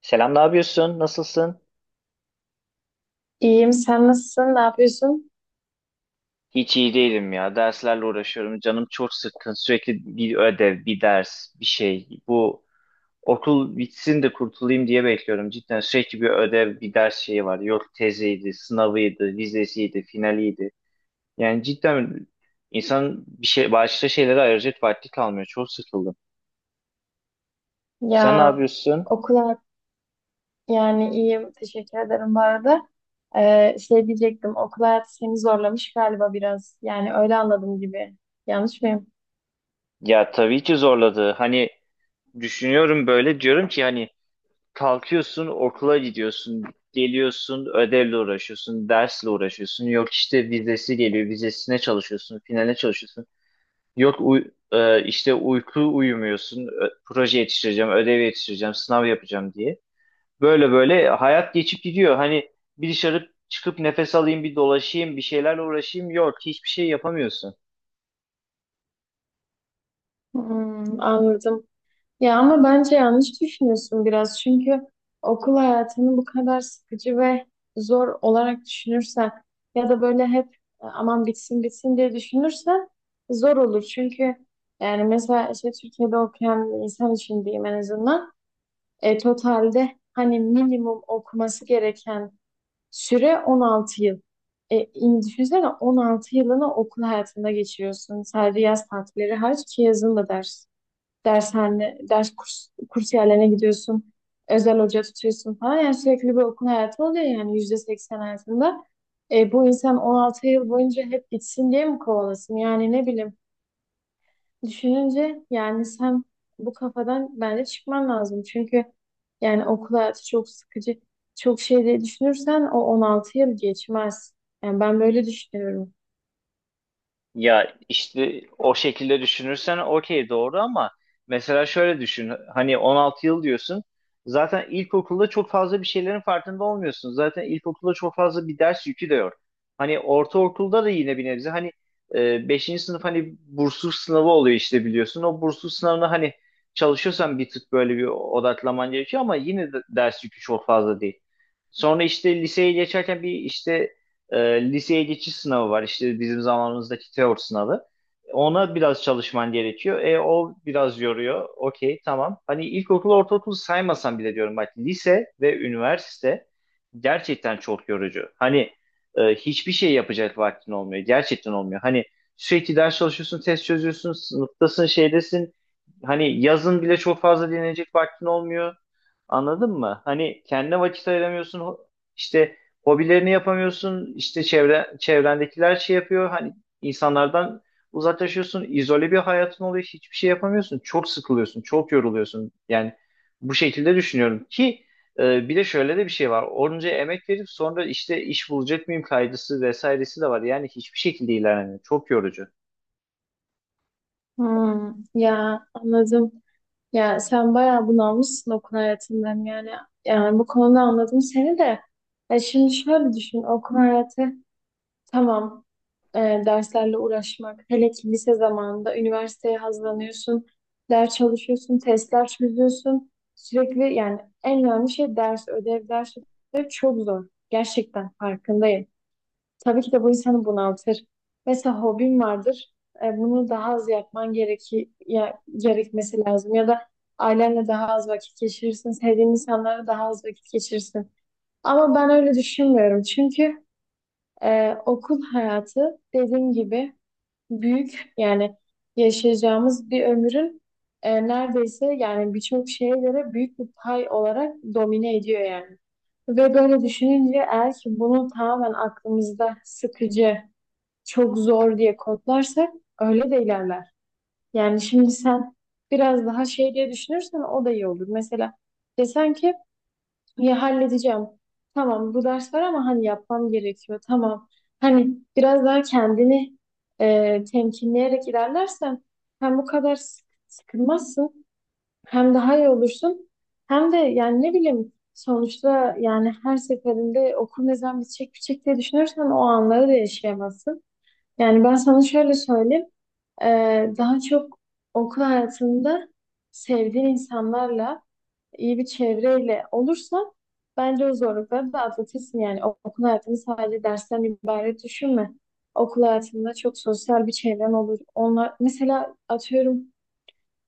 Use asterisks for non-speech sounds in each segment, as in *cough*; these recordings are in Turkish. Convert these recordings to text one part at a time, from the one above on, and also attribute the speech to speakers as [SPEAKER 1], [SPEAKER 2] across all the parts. [SPEAKER 1] Selam, ne yapıyorsun? Nasılsın?
[SPEAKER 2] İyiyim. Sen nasılsın? Ne yapıyorsun?
[SPEAKER 1] Hiç iyi değilim ya. Derslerle uğraşıyorum. Canım çok sıkkın. Sürekli bir ödev, bir ders, bir şey. Bu okul bitsin de kurtulayım diye bekliyorum. Cidden sürekli bir ödev, bir ders şeyi var. Yok teziydi, sınavıydı, vizesiydi, finaliydi. Yani cidden insan bir şey, başka şeylere ayıracak vakti kalmıyor. Çok sıkıldım.
[SPEAKER 2] Ya
[SPEAKER 1] Sen ne yapıyorsun?
[SPEAKER 2] okul hayat- yani iyiyim. Teşekkür ederim bu arada. Şey diyecektim. Okul hayatı seni zorlamış galiba biraz. Yani öyle anladım gibi. Yanlış mıyım?
[SPEAKER 1] Ya tabii ki zorladı. Hani düşünüyorum böyle diyorum ki hani kalkıyorsun, okula gidiyorsun, geliyorsun, ödevle uğraşıyorsun, dersle uğraşıyorsun. Yok işte vizesi geliyor, vizesine çalışıyorsun, finale çalışıyorsun. Yok, işte uyku uyumuyorsun, proje yetiştireceğim, ödev yetiştireceğim, sınav yapacağım diye. Böyle böyle hayat geçip gidiyor. Hani bir dışarı çıkıp nefes alayım, bir dolaşayım, bir şeylerle uğraşayım. Yok, hiçbir şey yapamıyorsun.
[SPEAKER 2] Hmm, anladım. Ya ama bence yanlış düşünüyorsun biraz. Çünkü okul hayatını bu kadar sıkıcı ve zor olarak düşünürsen ya da böyle hep "Aman bitsin bitsin diye düşünürsen zor olur. Çünkü yani mesela işte Türkiye'de okuyan bir insan için diyeyim en azından totalde hani minimum okuması gereken süre 16 yıl. Düşünsene 16 yılını okul hayatında geçiriyorsun. Sadece yaz tatilleri hariç ki yazın da ders dershane, ders kurs, kurs yerlerine gidiyorsun. Özel hoca tutuyorsun falan. Yani sürekli bir okul hayatı oluyor yani %80 hayatında. Bu insan 16 yıl boyunca hep gitsin diye mi kovalasın? Yani ne bileyim düşününce yani sen bu kafadan bence çıkman lazım. Çünkü yani okul hayatı çok sıkıcı, çok şey diye düşünürsen o 16 yıl geçmez. Yani ben böyle düşünüyorum.
[SPEAKER 1] Ya işte o şekilde düşünürsen okey, doğru, ama mesela şöyle düşün, hani 16 yıl diyorsun, zaten ilkokulda çok fazla bir şeylerin farkında olmuyorsun. Zaten ilkokulda çok fazla bir ders yükü de yok. Hani ortaokulda da yine bir nebze hani beşinci sınıf hani bursluluk sınavı oluyor işte, biliyorsun. O bursluluk sınavına hani çalışıyorsan bir tık böyle bir odaklaman gerekiyor ama yine de ders yükü çok fazla değil. Sonra işte liseye geçerken bir işte e, liseye geçiş sınavı var. İşte bizim zamanımızdaki teori sınavı. Ona biraz çalışman gerekiyor. E, o biraz yoruyor. Okey, tamam. Hani ilkokul, ortaokul saymasan bile diyorum bak, lise ve üniversite gerçekten çok yorucu. Hani hiçbir şey yapacak vaktin olmuyor. Gerçekten olmuyor. Hani sürekli ders çalışıyorsun, test çözüyorsun, sınıftasın, şeydesin. Hani yazın bile çok fazla dinlenecek vaktin olmuyor. Anladın mı? Hani kendine vakit ayıramıyorsun. İşte hobilerini yapamıyorsun. İşte çevre, çevrendekiler şey yapıyor. Hani insanlardan uzaklaşıyorsun. İzole bir hayatın oluyor. Hiçbir şey yapamıyorsun. Çok sıkılıyorsun. Çok yoruluyorsun. Yani bu şekilde düşünüyorum ki bir de şöyle de bir şey var. Onca emek verip sonra işte iş bulacak mıyım kaygısı vesairesi de var. Yani hiçbir şekilde ilerlemiyor. Çok yorucu.
[SPEAKER 2] Hmm, ya anladım. Ya sen bayağı bunalmışsın okul hayatından yani. Yani bu konuda anladım seni de. Ya şimdi şöyle düşün, okul hayatı tamam, e, derslerle uğraşmak. Hele ki lise zamanında üniversiteye hazırlanıyorsun. Ders çalışıyorsun, testler çözüyorsun. Sürekli yani en önemli şey ders, ödev, ders ödev çok zor. Gerçekten farkındayım. Tabii ki de bu insanı bunaltır. Mesela hobin vardır. Bunu daha az yapman gerekmesi lazım. Ya da ailenle daha az vakit geçirirsin. Sevdiğin insanlara daha az vakit geçirirsin. Ama ben öyle düşünmüyorum. Çünkü okul hayatı dediğim gibi büyük yani yaşayacağımız bir ömrün neredeyse yani birçok şeye göre büyük bir pay olarak domine ediyor yani. Ve böyle düşününce eğer ki bunu tamamen aklımızda sıkıcı, çok zor diye kodlarsak öyle de ilerler. Yani şimdi sen biraz daha şey diye düşünürsen o da iyi olur. Mesela desen ki ya halledeceğim. Tamam, bu ders var ama hani yapmam gerekiyor. Tamam. Hani biraz daha kendini temkinleyerek ilerlersen hem bu kadar sıkılmazsın, hem daha iyi olursun, hem de yani ne bileyim, sonuçta yani her seferinde okul ne zaman bitecek bitecek diye düşünürsen o anları da yaşayamazsın. Yani ben sana şöyle söyleyeyim. Daha çok okul hayatında sevdiğin insanlarla, iyi bir çevreyle olursa bence o zorlukları da atlatırsın. Yani okul hayatını sadece dersten ibaret düşünme. Okul hayatında çok sosyal bir çevren olur. Onlar mesela atıyorum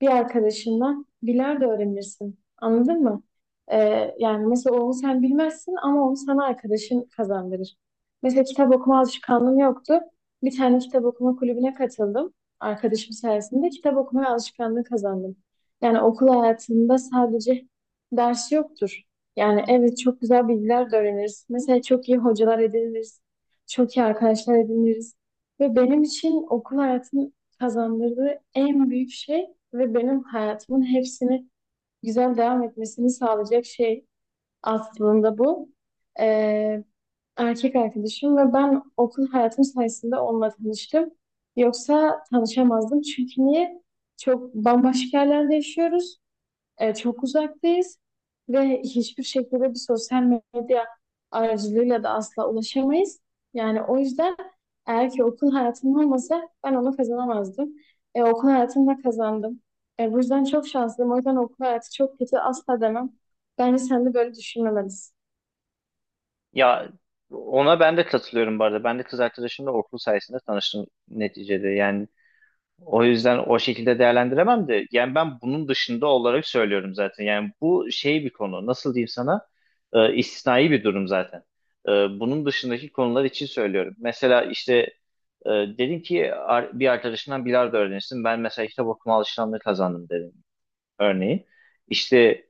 [SPEAKER 2] bir arkadaşından bilardo öğrenirsin. Anladın mı? Yani mesela onu sen bilmezsin ama onu sana arkadaşın kazandırır. Mesela kitap okuma alışkanlığım yoktu. Bir tane kitap okuma kulübüne katıldım. Arkadaşım sayesinde kitap okuma alışkanlığı kazandım. Yani okul hayatında sadece ders yoktur. Yani evet, çok güzel bilgiler de öğreniriz. Mesela çok iyi hocalar ediniriz. Çok iyi arkadaşlar ediniriz. Ve benim için okul hayatının kazandırdığı en büyük şey ve benim hayatımın hepsini güzel devam etmesini sağlayacak şey aslında bu. Ee, Erkek arkadaşım ve ben okul hayatım sayesinde onunla tanıştım. Yoksa tanışamazdım. Çünkü niye? Çok bambaşka yerlerde yaşıyoruz, çok uzaktayız ve hiçbir şekilde bir sosyal medya aracılığıyla da asla ulaşamayız. Yani o yüzden eğer ki okul hayatım olmasa ben onu kazanamazdım. Okul hayatımda kazandım. Bu yüzden çok şanslıyım. O yüzden okul hayatı çok kötü asla demem. Bence sen de böyle düşünmemelisin.
[SPEAKER 1] Ya, ona ben de katılıyorum bu arada. Ben de kız arkadaşımla okul sayesinde tanıştım neticede. Yani o yüzden o şekilde değerlendiremem de, yani ben bunun dışında olarak söylüyorum zaten. Yani bu şey bir konu, nasıl diyeyim sana, istisnai bir durum zaten. E, Bunun dışındaki konular için söylüyorum. Mesela işte dedin ki bir arkadaşından bilardo öğrenirsin. Ben mesela kitap okuma alışkanlığı kazandım dedim örneğin. İşte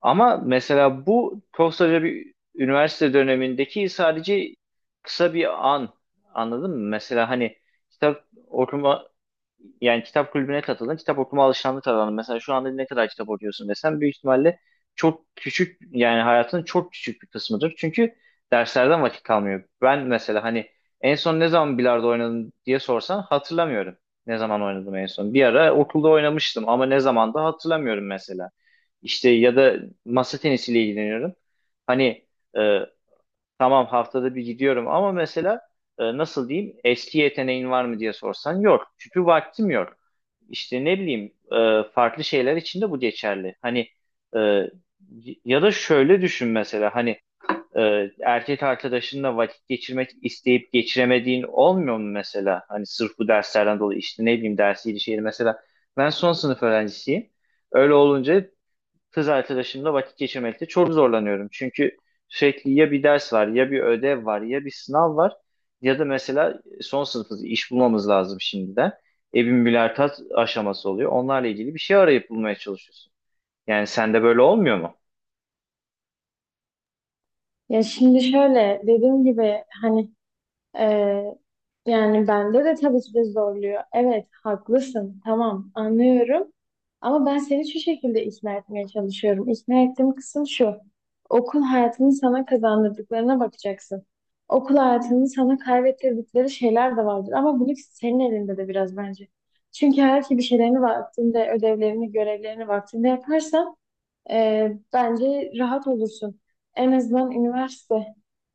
[SPEAKER 1] ama mesela bu koskoca bir üniversite dönemindeki sadece kısa bir an. Anladın mı? Mesela hani kitap okuma, yani kitap kulübüne katıldın, kitap okuma alışkanlığı kazandın. Mesela şu anda ne kadar kitap okuyorsun desem, büyük ihtimalle çok küçük, yani hayatının çok küçük bir kısmıdır. Çünkü derslerden vakit kalmıyor. Ben mesela hani en son ne zaman bilardo oynadım diye sorsan hatırlamıyorum. Ne zaman oynadım en son? Bir ara okulda oynamıştım ama ne zaman da hatırlamıyorum mesela. İşte ya da masa tenisiyle ilgileniyorum. Hani e, tamam haftada bir gidiyorum ama mesela nasıl diyeyim, eski yeteneğin var mı diye sorsan yok. Çünkü vaktim yok. İşte ne bileyim farklı şeyler için de bu geçerli. Hani e, ya da şöyle düşün mesela, hani erkek arkadaşınla vakit geçirmek isteyip geçiremediğin olmuyor mu mesela? Hani sırf bu derslerden dolayı işte ne bileyim, dersiydi şeydi, mesela ben son sınıf öğrencisiyim. Öyle olunca kız arkadaşımla vakit geçirmekte çok zorlanıyorum. Çünkü sürekli ya bir ders var, ya bir ödev var, ya bir sınav var, ya da mesela son sınıfız, iş bulmamız lazım şimdiden. E, bir mülakat aşaması oluyor. Onlarla ilgili bir şey arayıp bulmaya çalışıyorsun. Yani sende böyle olmuyor mu?
[SPEAKER 2] Ya şimdi şöyle dediğim gibi, hani, Ee, yani bende de tabii ki de zorluyor. Evet, haklısın. Tamam, anlıyorum. Ama ben seni şu şekilde ikna etmeye çalışıyorum. İkna ettiğim kısım şu. Okul hayatının sana kazandırdıklarına bakacaksın. Okul hayatının sana kaybettirdikleri şeyler de vardır. Ama bunu senin elinde de biraz, bence. Çünkü eğer ki bir şeylerini vaktinde, ödevlerini, görevlerini vaktinde yaparsan bence rahat olursun. En azından üniversite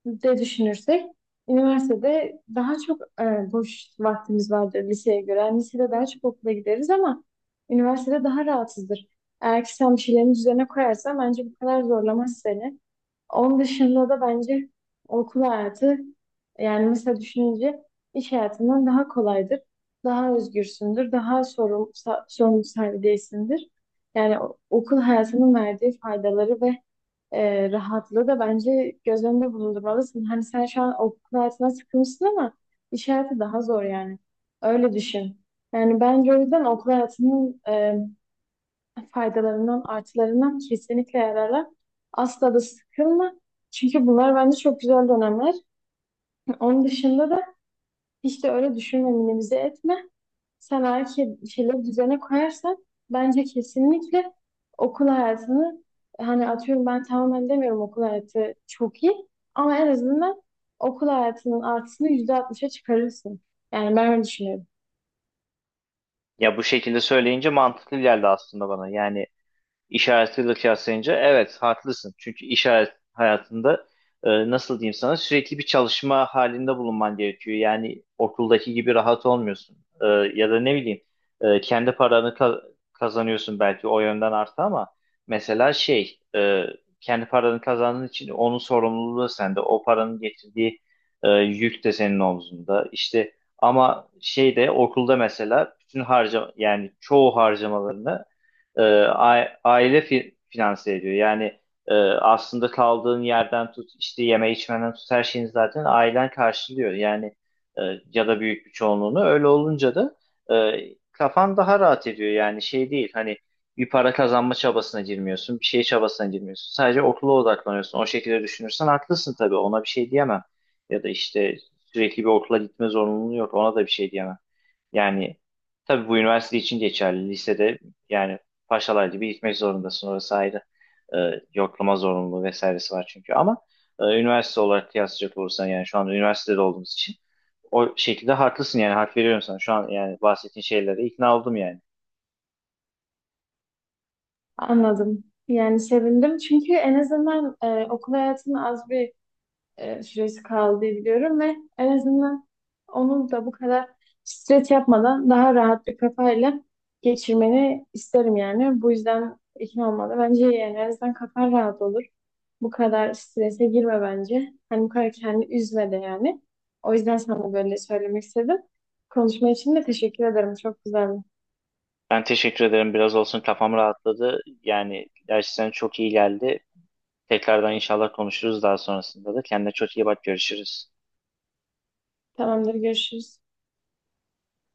[SPEAKER 2] de düşünürsek, üniversitede daha çok boş vaktimiz vardır liseye göre. Yani lisede daha çok okula gideriz ama üniversitede daha rahatsızdır. Eğer ki sen bir şeylerin düzene koyarsan bence bu kadar zorlamaz seni. Onun dışında da bence okul hayatı, yani mesela düşününce, iş hayatından daha kolaydır. Daha özgürsündür. Daha sorumlu sahibi değilsindir. Yani okul hayatının verdiği faydaları ve rahatlığı da bence göz önünde bulundurmalısın. Hani sen şu an okul hayatına sıkılmışsın ama iş hayatı daha zor yani. Öyle düşün. Yani bence o yüzden okul hayatının faydalarından, artılarından kesinlikle yararlan. Asla da sıkılma. Çünkü bunlar bence çok güzel dönemler. *laughs* Onun dışında da hiç de öyle düşünme, minimize etme. Sen eğer ki bir şeyleri düzene koyarsan bence kesinlikle okul hayatını, hani, atıyorum, ben tamamen demiyorum okul hayatı çok iyi ama en azından okul hayatının artısını %60'a çıkarırsın. Yani ben öyle düşünüyorum.
[SPEAKER 1] Ya bu şekilde söyleyince mantıklı geldi aslında bana. Yani işaretiyle kıyaslayınca evet haklısın. Çünkü işaret hayatında nasıl diyeyim sana, sürekli bir çalışma halinde bulunman gerekiyor. Yani okuldaki gibi rahat olmuyorsun. E, ya da ne bileyim e, kendi paranı ka- kazanıyorsun, belki o yönden artı, ama mesela kendi paranı kazandığın için onun sorumluluğu sende. O paranın getirdiği yük de senin omzunda. İşte ama şeyde, okulda mesela bütün harcama, yani çoğu harcamalarını finanse ediyor. Yani aslında kaldığın yerden tut, işte yeme içmeden tut, her şeyini zaten ailen karşılıyor. Yani e, ya da büyük bir çoğunluğunu. Öyle olunca da e, kafan daha rahat ediyor. Yani şey değil, hani bir para kazanma çabasına girmiyorsun, bir şey çabasına girmiyorsun. Sadece okula odaklanıyorsun. O şekilde düşünürsen haklısın tabii. Ona bir şey diyemem. Ya da işte sürekli bir okula gitme zorunluluğu yok. Ona da bir şey diyemem. Yani tabii bu üniversite için geçerli. Lisede yani paşalar gibi gitmek zorundasın. Orası ayrı, e, yoklama zorunluluğu vesairesi var çünkü. Ama üniversite olarak kıyaslayacak olursan, yani şu anda üniversitede olduğumuz için o şekilde haklısın, yani hak veriyorum sana. Şu an yani bahsettiğin şeylere ikna oldum yani.
[SPEAKER 2] Anladım. Yani sevindim, çünkü en azından okul hayatını az bir süresi kaldı diye biliyorum ve en azından onu da bu kadar stres yapmadan daha rahat bir kafayla geçirmeni isterim yani. Bu yüzden ikna olmadı. Bence yani en azından kafan rahat olur. Bu kadar strese girme bence. Hani bu kadar kendini üzme de yani. O yüzden sana böyle söylemek istedim. Konuşma için de teşekkür ederim. Çok güzeldi.
[SPEAKER 1] Ben teşekkür ederim. Biraz olsun kafam rahatladı. Yani gerçekten çok iyi geldi. Tekrardan inşallah konuşuruz daha sonrasında da. Kendine çok iyi bak. Görüşürüz.
[SPEAKER 2] Tamamdır, görüşürüz.